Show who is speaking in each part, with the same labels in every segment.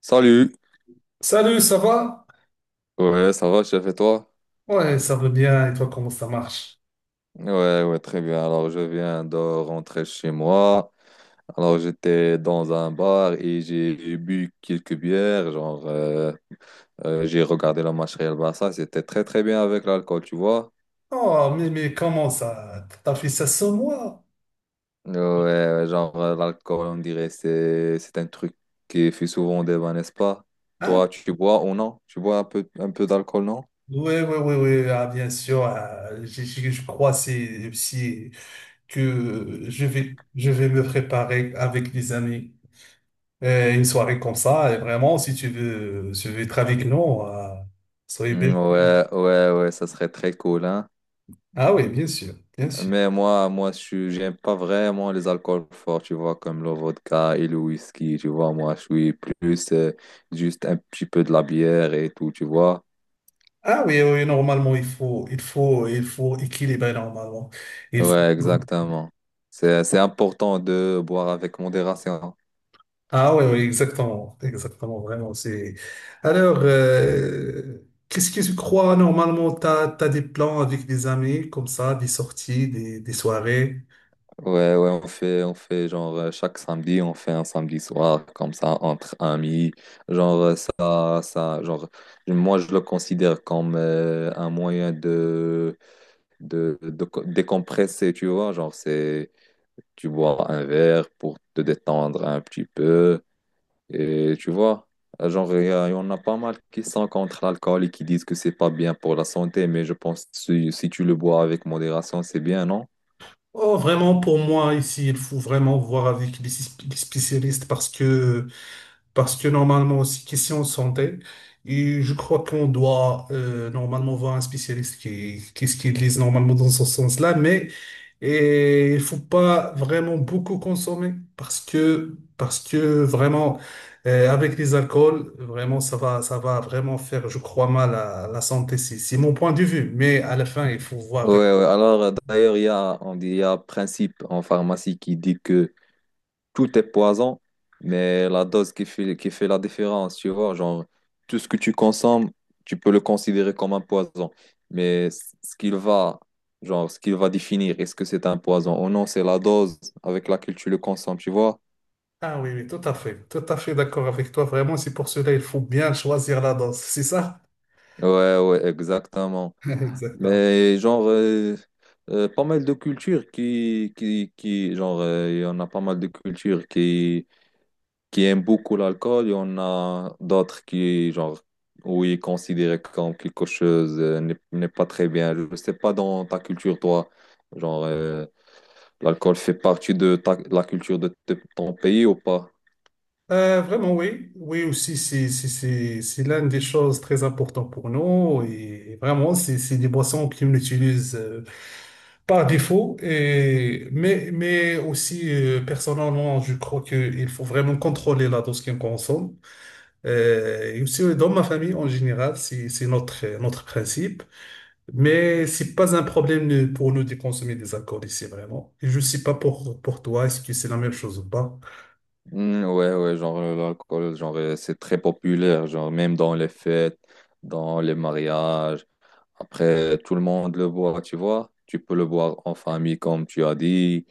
Speaker 1: Salut.
Speaker 2: Salut, ça va?
Speaker 1: Ouais, ça va, chef, et toi?
Speaker 2: Ouais, ça va bien. Et toi, comment ça marche?
Speaker 1: Ouais, ouais, très bien. Alors, je viens de rentrer chez moi. Alors, j'étais dans un bar et j'ai bu quelques bières. J'ai regardé le match Real Barça. C'était très, très bien avec l'alcool, tu vois.
Speaker 2: Oh, mais comment ça? T'as fait ça sans moi?
Speaker 1: Ouais, ouais, l'alcool, on dirait, c'est un truc qui fait souvent débat, n'est-ce pas?
Speaker 2: Hein?
Speaker 1: Toi, tu bois ou non? Tu bois un peu d'alcool, non?
Speaker 2: Ouais, ouais, ouais, ouais. Ah, bien sûr. Ah, je crois c'est que je vais me préparer avec des amis. Une soirée comme ça. Et vraiment, si tu veux être avec nous, ah, soyez bien.
Speaker 1: Mm, ouais, ouais, ouais, ça serait très cool, hein?
Speaker 2: Ah oui, bien sûr, bien sûr.
Speaker 1: Mais moi, j'aime pas vraiment les alcools forts, tu vois, comme le vodka et le whisky, tu vois. Moi, je suis plus juste un petit peu de la bière et tout, tu vois.
Speaker 2: Ah oui, oui, normalement, il faut équilibrer normalement. Il
Speaker 1: Ouais,
Speaker 2: faut.
Speaker 1: exactement. C'est important de boire avec modération.
Speaker 2: Ah oui, oui, exactement, exactement, vraiment. C'est... Alors, qu'est-ce que tu crois normalement? T'as des plans avec des amis comme ça, des sorties, des soirées?
Speaker 1: Ouais, ouais, on fait chaque samedi, on fait un samedi soir comme ça entre amis. Genre, moi je le considère comme un moyen de, de décompresser, tu vois. Genre, c'est tu bois un verre pour te détendre un petit peu. Et tu vois, genre, il y en a pas mal qui sont contre l'alcool et qui disent que c'est pas bien pour la santé, mais je pense que si tu le bois avec modération, c'est bien, non?
Speaker 2: Oh, vraiment, pour moi, ici, il faut vraiment voir avec spécialistes. Parce que, parce que normalement aussi, question de santé, et je crois qu'on doit normalement voir un spécialiste qui lise normalement dans ce sens-là, mais et il faut pas vraiment beaucoup consommer parce que vraiment, avec les alcools, vraiment, ça va vraiment faire, je crois, mal à la santé. C'est mon point de vue, mais à la fin, il faut voir.
Speaker 1: Ouais, ouais. Alors, d'ailleurs, on dit, il y a un principe en pharmacie qui dit que tout est poison, mais la dose qui fait la différence, tu vois, genre, tout ce que tu consommes, tu peux le considérer comme un poison. Mais ce qu'il va définir, est-ce que c'est un poison ou non, c'est la dose avec laquelle tu le consommes, tu vois?
Speaker 2: Ah oui, oui, tout à fait d'accord avec toi. Vraiment, c'est pour cela il faut bien choisir la dose, c'est ça?
Speaker 1: Ouais, ouais, exactement.
Speaker 2: Exactement.
Speaker 1: Mais pas mal de cultures qui, il y en a pas mal de cultures qui aiment beaucoup l'alcool, il y en a d'autres qui, genre, où ils considèrent comme quelque chose n'est pas très bien. Je ne sais pas dans ta culture, toi, genre, euh, l'alcool fait partie de la culture de, ton pays ou pas?
Speaker 2: Vraiment, oui. Oui, aussi, c'est l'une des choses très importantes pour nous. Et vraiment, c'est des boissons qu'on utilise par défaut. Et, mais aussi, personnellement, je crois qu'il faut vraiment contrôler la dose qu'on consomme. Et aussi, dans ma famille, en général, c'est notre, notre principe. Mais c'est pas un problème pour nous de consommer des alcools ici, vraiment. Et je sais pas pour, pour toi, est-ce que c'est la même chose ou pas?
Speaker 1: Mm, ouais, ouais, l'alcool, c'est très populaire, genre, même dans les fêtes, dans les mariages. Après, tout le monde le boit, tu vois. Tu peux le boire en famille, comme tu as dit.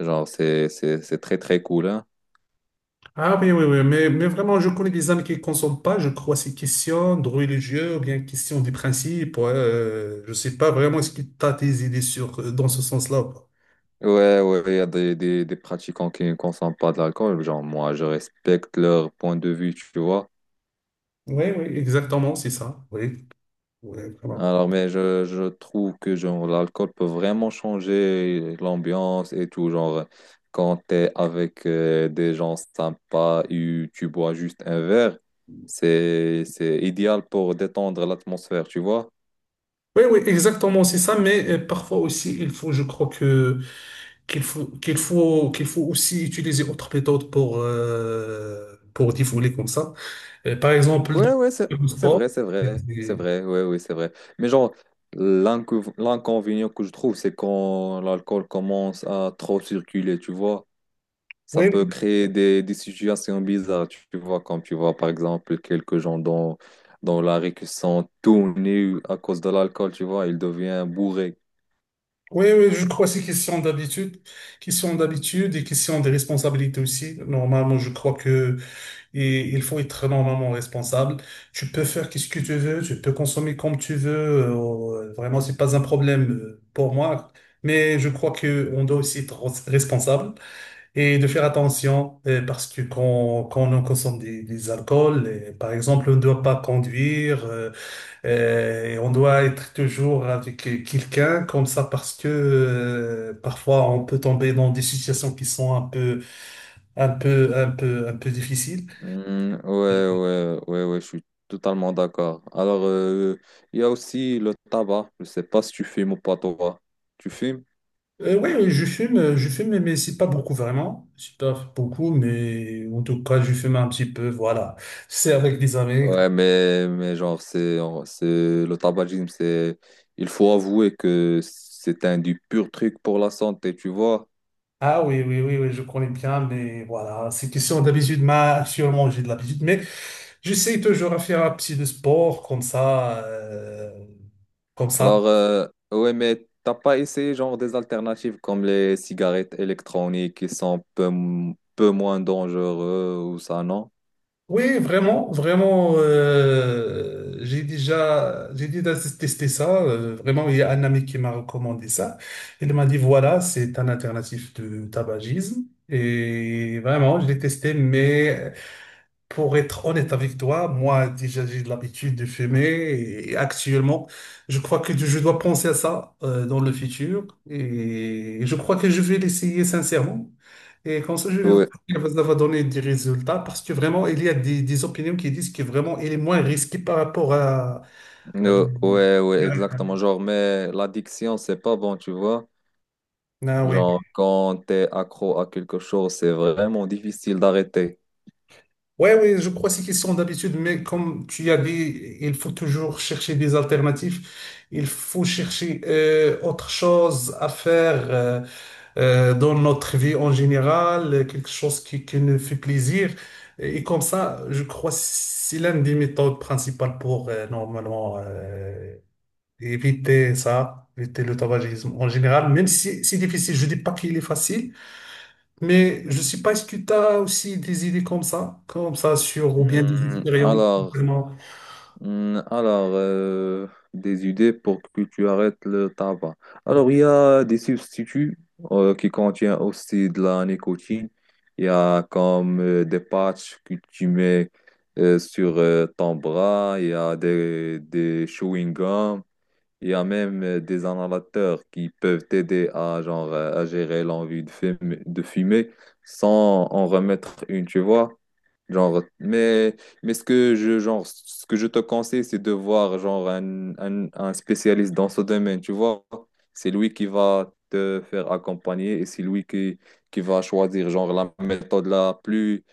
Speaker 1: Genre, c'est très, très cool, hein.
Speaker 2: Ah oui, oui, oui, mais vraiment, je connais des amis qui ne consomment pas. Je crois c'est question de religieux ou bien question des principes. Ouais, je ne sais pas vraiment ce qui t'a tes idées sur, dans ce sens-là. Ou pas.
Speaker 1: Ouais, ouais, il y a des pratiquants qui ne consomment pas de l'alcool. Genre, moi, je respecte leur point de vue, tu vois.
Speaker 2: Oui, oui, exactement, c'est ça. Oui, oui, vraiment.
Speaker 1: Alors, mais je trouve que genre, l'alcool peut vraiment changer l'ambiance et tout. Genre, quand tu es avec des gens sympas et tu bois juste un verre, c'est idéal pour détendre l'atmosphère, tu vois.
Speaker 2: Oui, oui, exactement, c'est ça. Mais parfois aussi, je crois que qu'il faut aussi utiliser autre méthode pour défouler comme ça. Par exemple,
Speaker 1: Ouais, ouais, c'est
Speaker 2: le
Speaker 1: c'est
Speaker 2: sport.
Speaker 1: vrai, c'est vrai, c'est vrai, ouais, oui, c'est vrai. Mais genre, l'inconvénient que je trouve, c'est quand l'alcool commence à trop circuler, tu vois, ça
Speaker 2: Oui,
Speaker 1: peut créer des situations bizarres, tu vois, comme tu vois, par exemple, quelques gens dans la rue qui sont tout nus à cause de l'alcool, tu vois, ils deviennent bourrés.
Speaker 2: oui, oui, je crois que c'est question d'habitude et question de responsabilité aussi. Normalement, je crois que il faut être normalement responsable. Tu peux faire qu'est-ce que tu veux, tu peux consommer comme tu veux. Vraiment, c'est pas un problème pour moi. Mais je crois que on doit aussi être responsable et de faire attention parce que quand on consomme des alcools, par exemple, on ne doit pas conduire. Et on doit être toujours avec quelqu'un comme ça parce que parfois on peut tomber dans des situations qui sont un peu difficiles.
Speaker 1: Hmm, ouais, ouais, ouais, ouais, je suis totalement d'accord. Alors, il y a aussi le tabac, je sais pas si tu fumes ou pas, toi. Tu fumes?
Speaker 2: Oui, oui, je fume, mais c'est pas beaucoup vraiment. C'est pas beaucoup, mais en tout cas, je fume un petit peu. Voilà. C'est avec des amis.
Speaker 1: Ouais, mais genre, le tabagisme, c'est, il faut avouer que c'est un du pur truc pour la santé, tu vois.
Speaker 2: Ah oui, oui, oui, oui, je connais bien, mais voilà, c'est question d'habitude. Ma, sûrement, j'ai de l'habitude, mais j'essaie toujours à faire un petit de sport comme ça. Comme ça.
Speaker 1: Alors, ouais, mais t'as pas essayé, genre, des alternatives comme les cigarettes électroniques qui sont peu moins dangereux ou ça, non?
Speaker 2: Oui, vraiment, vraiment, j'ai déjà testé ça. Vraiment, il y a un ami qui m'a recommandé ça. Il m'a dit, voilà, c'est un alternatif de tabagisme. Et vraiment, je l'ai testé, mais pour être honnête avec toi, moi, déjà, j'ai de l'habitude de fumer et actuellement, je crois que je dois penser à ça dans le futur et je crois que je vais l'essayer sincèrement. Et comme ça, je vais voir
Speaker 1: Ouais,
Speaker 2: si ça va donner des résultats parce que vraiment, il y a des opinions qui disent que vraiment, il est moins risqué par rapport à, à l'-
Speaker 1: ouais, ouais, exactement. Genre, mais l'addiction, c'est pas bon, tu vois.
Speaker 2: ah oui.
Speaker 1: Genre, quand t'es accro à quelque chose, c'est vraiment difficile d'arrêter.
Speaker 2: Ouais, oui, je crois que c'est question d'habitude, mais comme tu as dit, il faut toujours chercher des alternatives. Il faut chercher autre chose à faire dans notre vie en général, quelque chose qui nous fait plaisir. Et comme ça, je crois que c'est l'une des méthodes principales pour normalement éviter ça, éviter le tabagisme en général, même si c'est difficile. Je dis pas qu'il est facile. Mais je sais pas, est-ce que tu as aussi des idées comme ça sur, ou bien des
Speaker 1: Hmm,
Speaker 2: expériences,
Speaker 1: Alors,
Speaker 2: vraiment.
Speaker 1: Hmm, Alors, euh, des idées pour que tu arrêtes le tabac. Alors, il y a des substituts qui contiennent aussi de la nicotine. Il y a comme des patchs que tu mets sur ton bras. Il y a des chewing-gums. Il y a même des inhalateurs qui peuvent t'aider à, genre, à gérer l'envie de fumer, sans en remettre une, tu vois. Genre, mais, mais ce que je, genre, ce que je te conseille, c'est de voir genre un spécialiste dans ce domaine, tu vois. C'est lui qui va te faire accompagner et c'est lui qui va choisir genre la méthode la plus,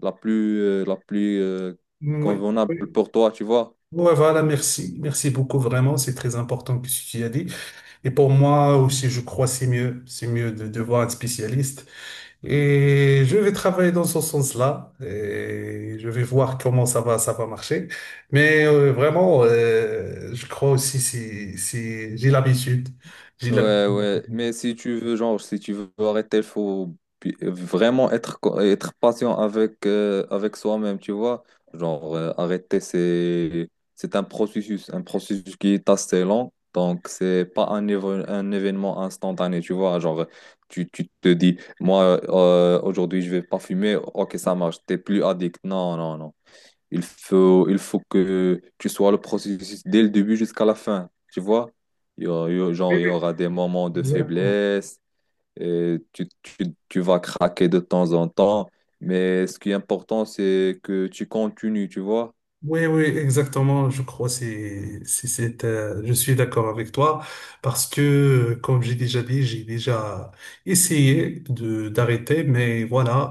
Speaker 1: la plus, euh, la plus
Speaker 2: Oui,
Speaker 1: convenable
Speaker 2: oui.
Speaker 1: pour toi, tu vois.
Speaker 2: Ouais, voilà, merci. Merci beaucoup, vraiment. C'est très important que ce que tu as dit. Et pour moi aussi, je crois que c'est mieux. C'est mieux de voir un spécialiste. Et je vais travailler dans ce sens-là. Et je vais voir comment ça va marcher. Mais vraiment, je crois aussi, j'ai l'habitude. J'ai l'habitude.
Speaker 1: Ouais, ouais,
Speaker 2: Oui,
Speaker 1: mais si tu veux, genre, si tu veux arrêter, il faut vraiment être, être patient avec, avec soi-même, tu vois. Arrêter, c'est un processus qui est assez lent, donc c'est pas un, un événement instantané, tu vois. Genre, tu te dis, moi, aujourd'hui, je vais pas fumer, ok, ça marche, t'es plus addict. Non, non, non. Il faut que tu sois le processus dès le début jusqu'à la fin, tu vois?
Speaker 2: oui,
Speaker 1: Il y aura des moments de
Speaker 2: exactement.
Speaker 1: faiblesse, et tu vas craquer de temps en temps, mais ce qui est important, c'est que tu continues, tu vois?
Speaker 2: Oui, oui, exactement. Je crois c'est je suis d'accord avec toi parce que comme j'ai déjà dit, j'ai déjà essayé de d'arrêter, mais voilà,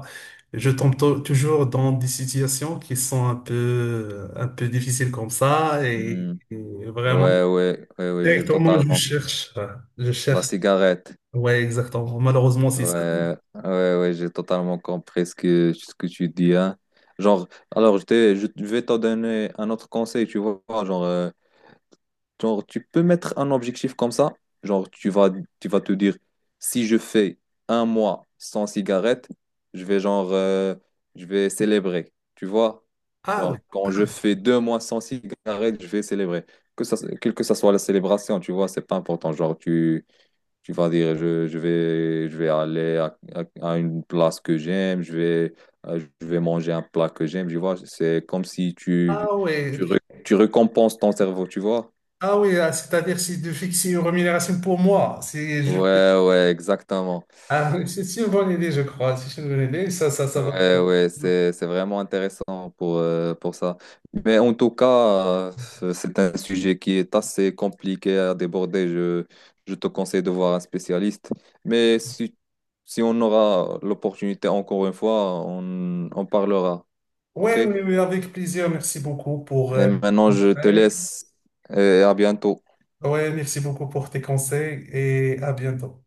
Speaker 2: je tombe toujours dans des situations qui sont un peu difficiles comme ça
Speaker 1: Hmm.
Speaker 2: et vraiment
Speaker 1: Ouais, ouais, ouais, ouais, j'ai
Speaker 2: directement je
Speaker 1: totalement...
Speaker 2: cherche je
Speaker 1: La
Speaker 2: cherche.
Speaker 1: cigarette.
Speaker 2: Ouais, exactement. Malheureusement, c'est ça.
Speaker 1: Ouais, ouais, ouais, j'ai totalement compris ce que tu dis, hein. Genre, alors, je vais te donner un autre conseil, tu vois, genre, tu peux mettre un objectif comme ça. Genre, tu vas te dire, si je fais 1 mois sans cigarette, je vais je vais célébrer. Tu vois?
Speaker 2: Ah oui,
Speaker 1: Genre, quand je fais 2 mois sans cigarette, je vais célébrer. Que ça, quelle que ça soit la célébration, tu vois, c'est pas important. Genre, tu vas dire, je vais aller à, à une place que j'aime, je vais manger un plat que j'aime, tu vois. C'est comme si
Speaker 2: ah
Speaker 1: tu,
Speaker 2: oui,
Speaker 1: re- tu récompenses ton cerveau, tu vois.
Speaker 2: ah oui, ah, c'est-à-dire c'est de fixer une rémunération pour moi. C'est je.
Speaker 1: Ouais, ouais, exactement.
Speaker 2: Ah, oui, c'est une bonne idée, je crois. C'est une bonne idée. Ça va.
Speaker 1: Ouais, ouais, c'est vraiment intéressant pour ça. Mais en tout cas, c'est un sujet qui est assez compliqué à déborder. Je te conseille de voir un spécialiste. Mais si on aura l'opportunité encore une fois, on parlera.
Speaker 2: Oui,
Speaker 1: OK?
Speaker 2: oui,
Speaker 1: Et
Speaker 2: oui, avec plaisir. Merci beaucoup pour,
Speaker 1: maintenant, je te laisse et à bientôt.
Speaker 2: ouais, merci beaucoup pour tes conseils et à bientôt.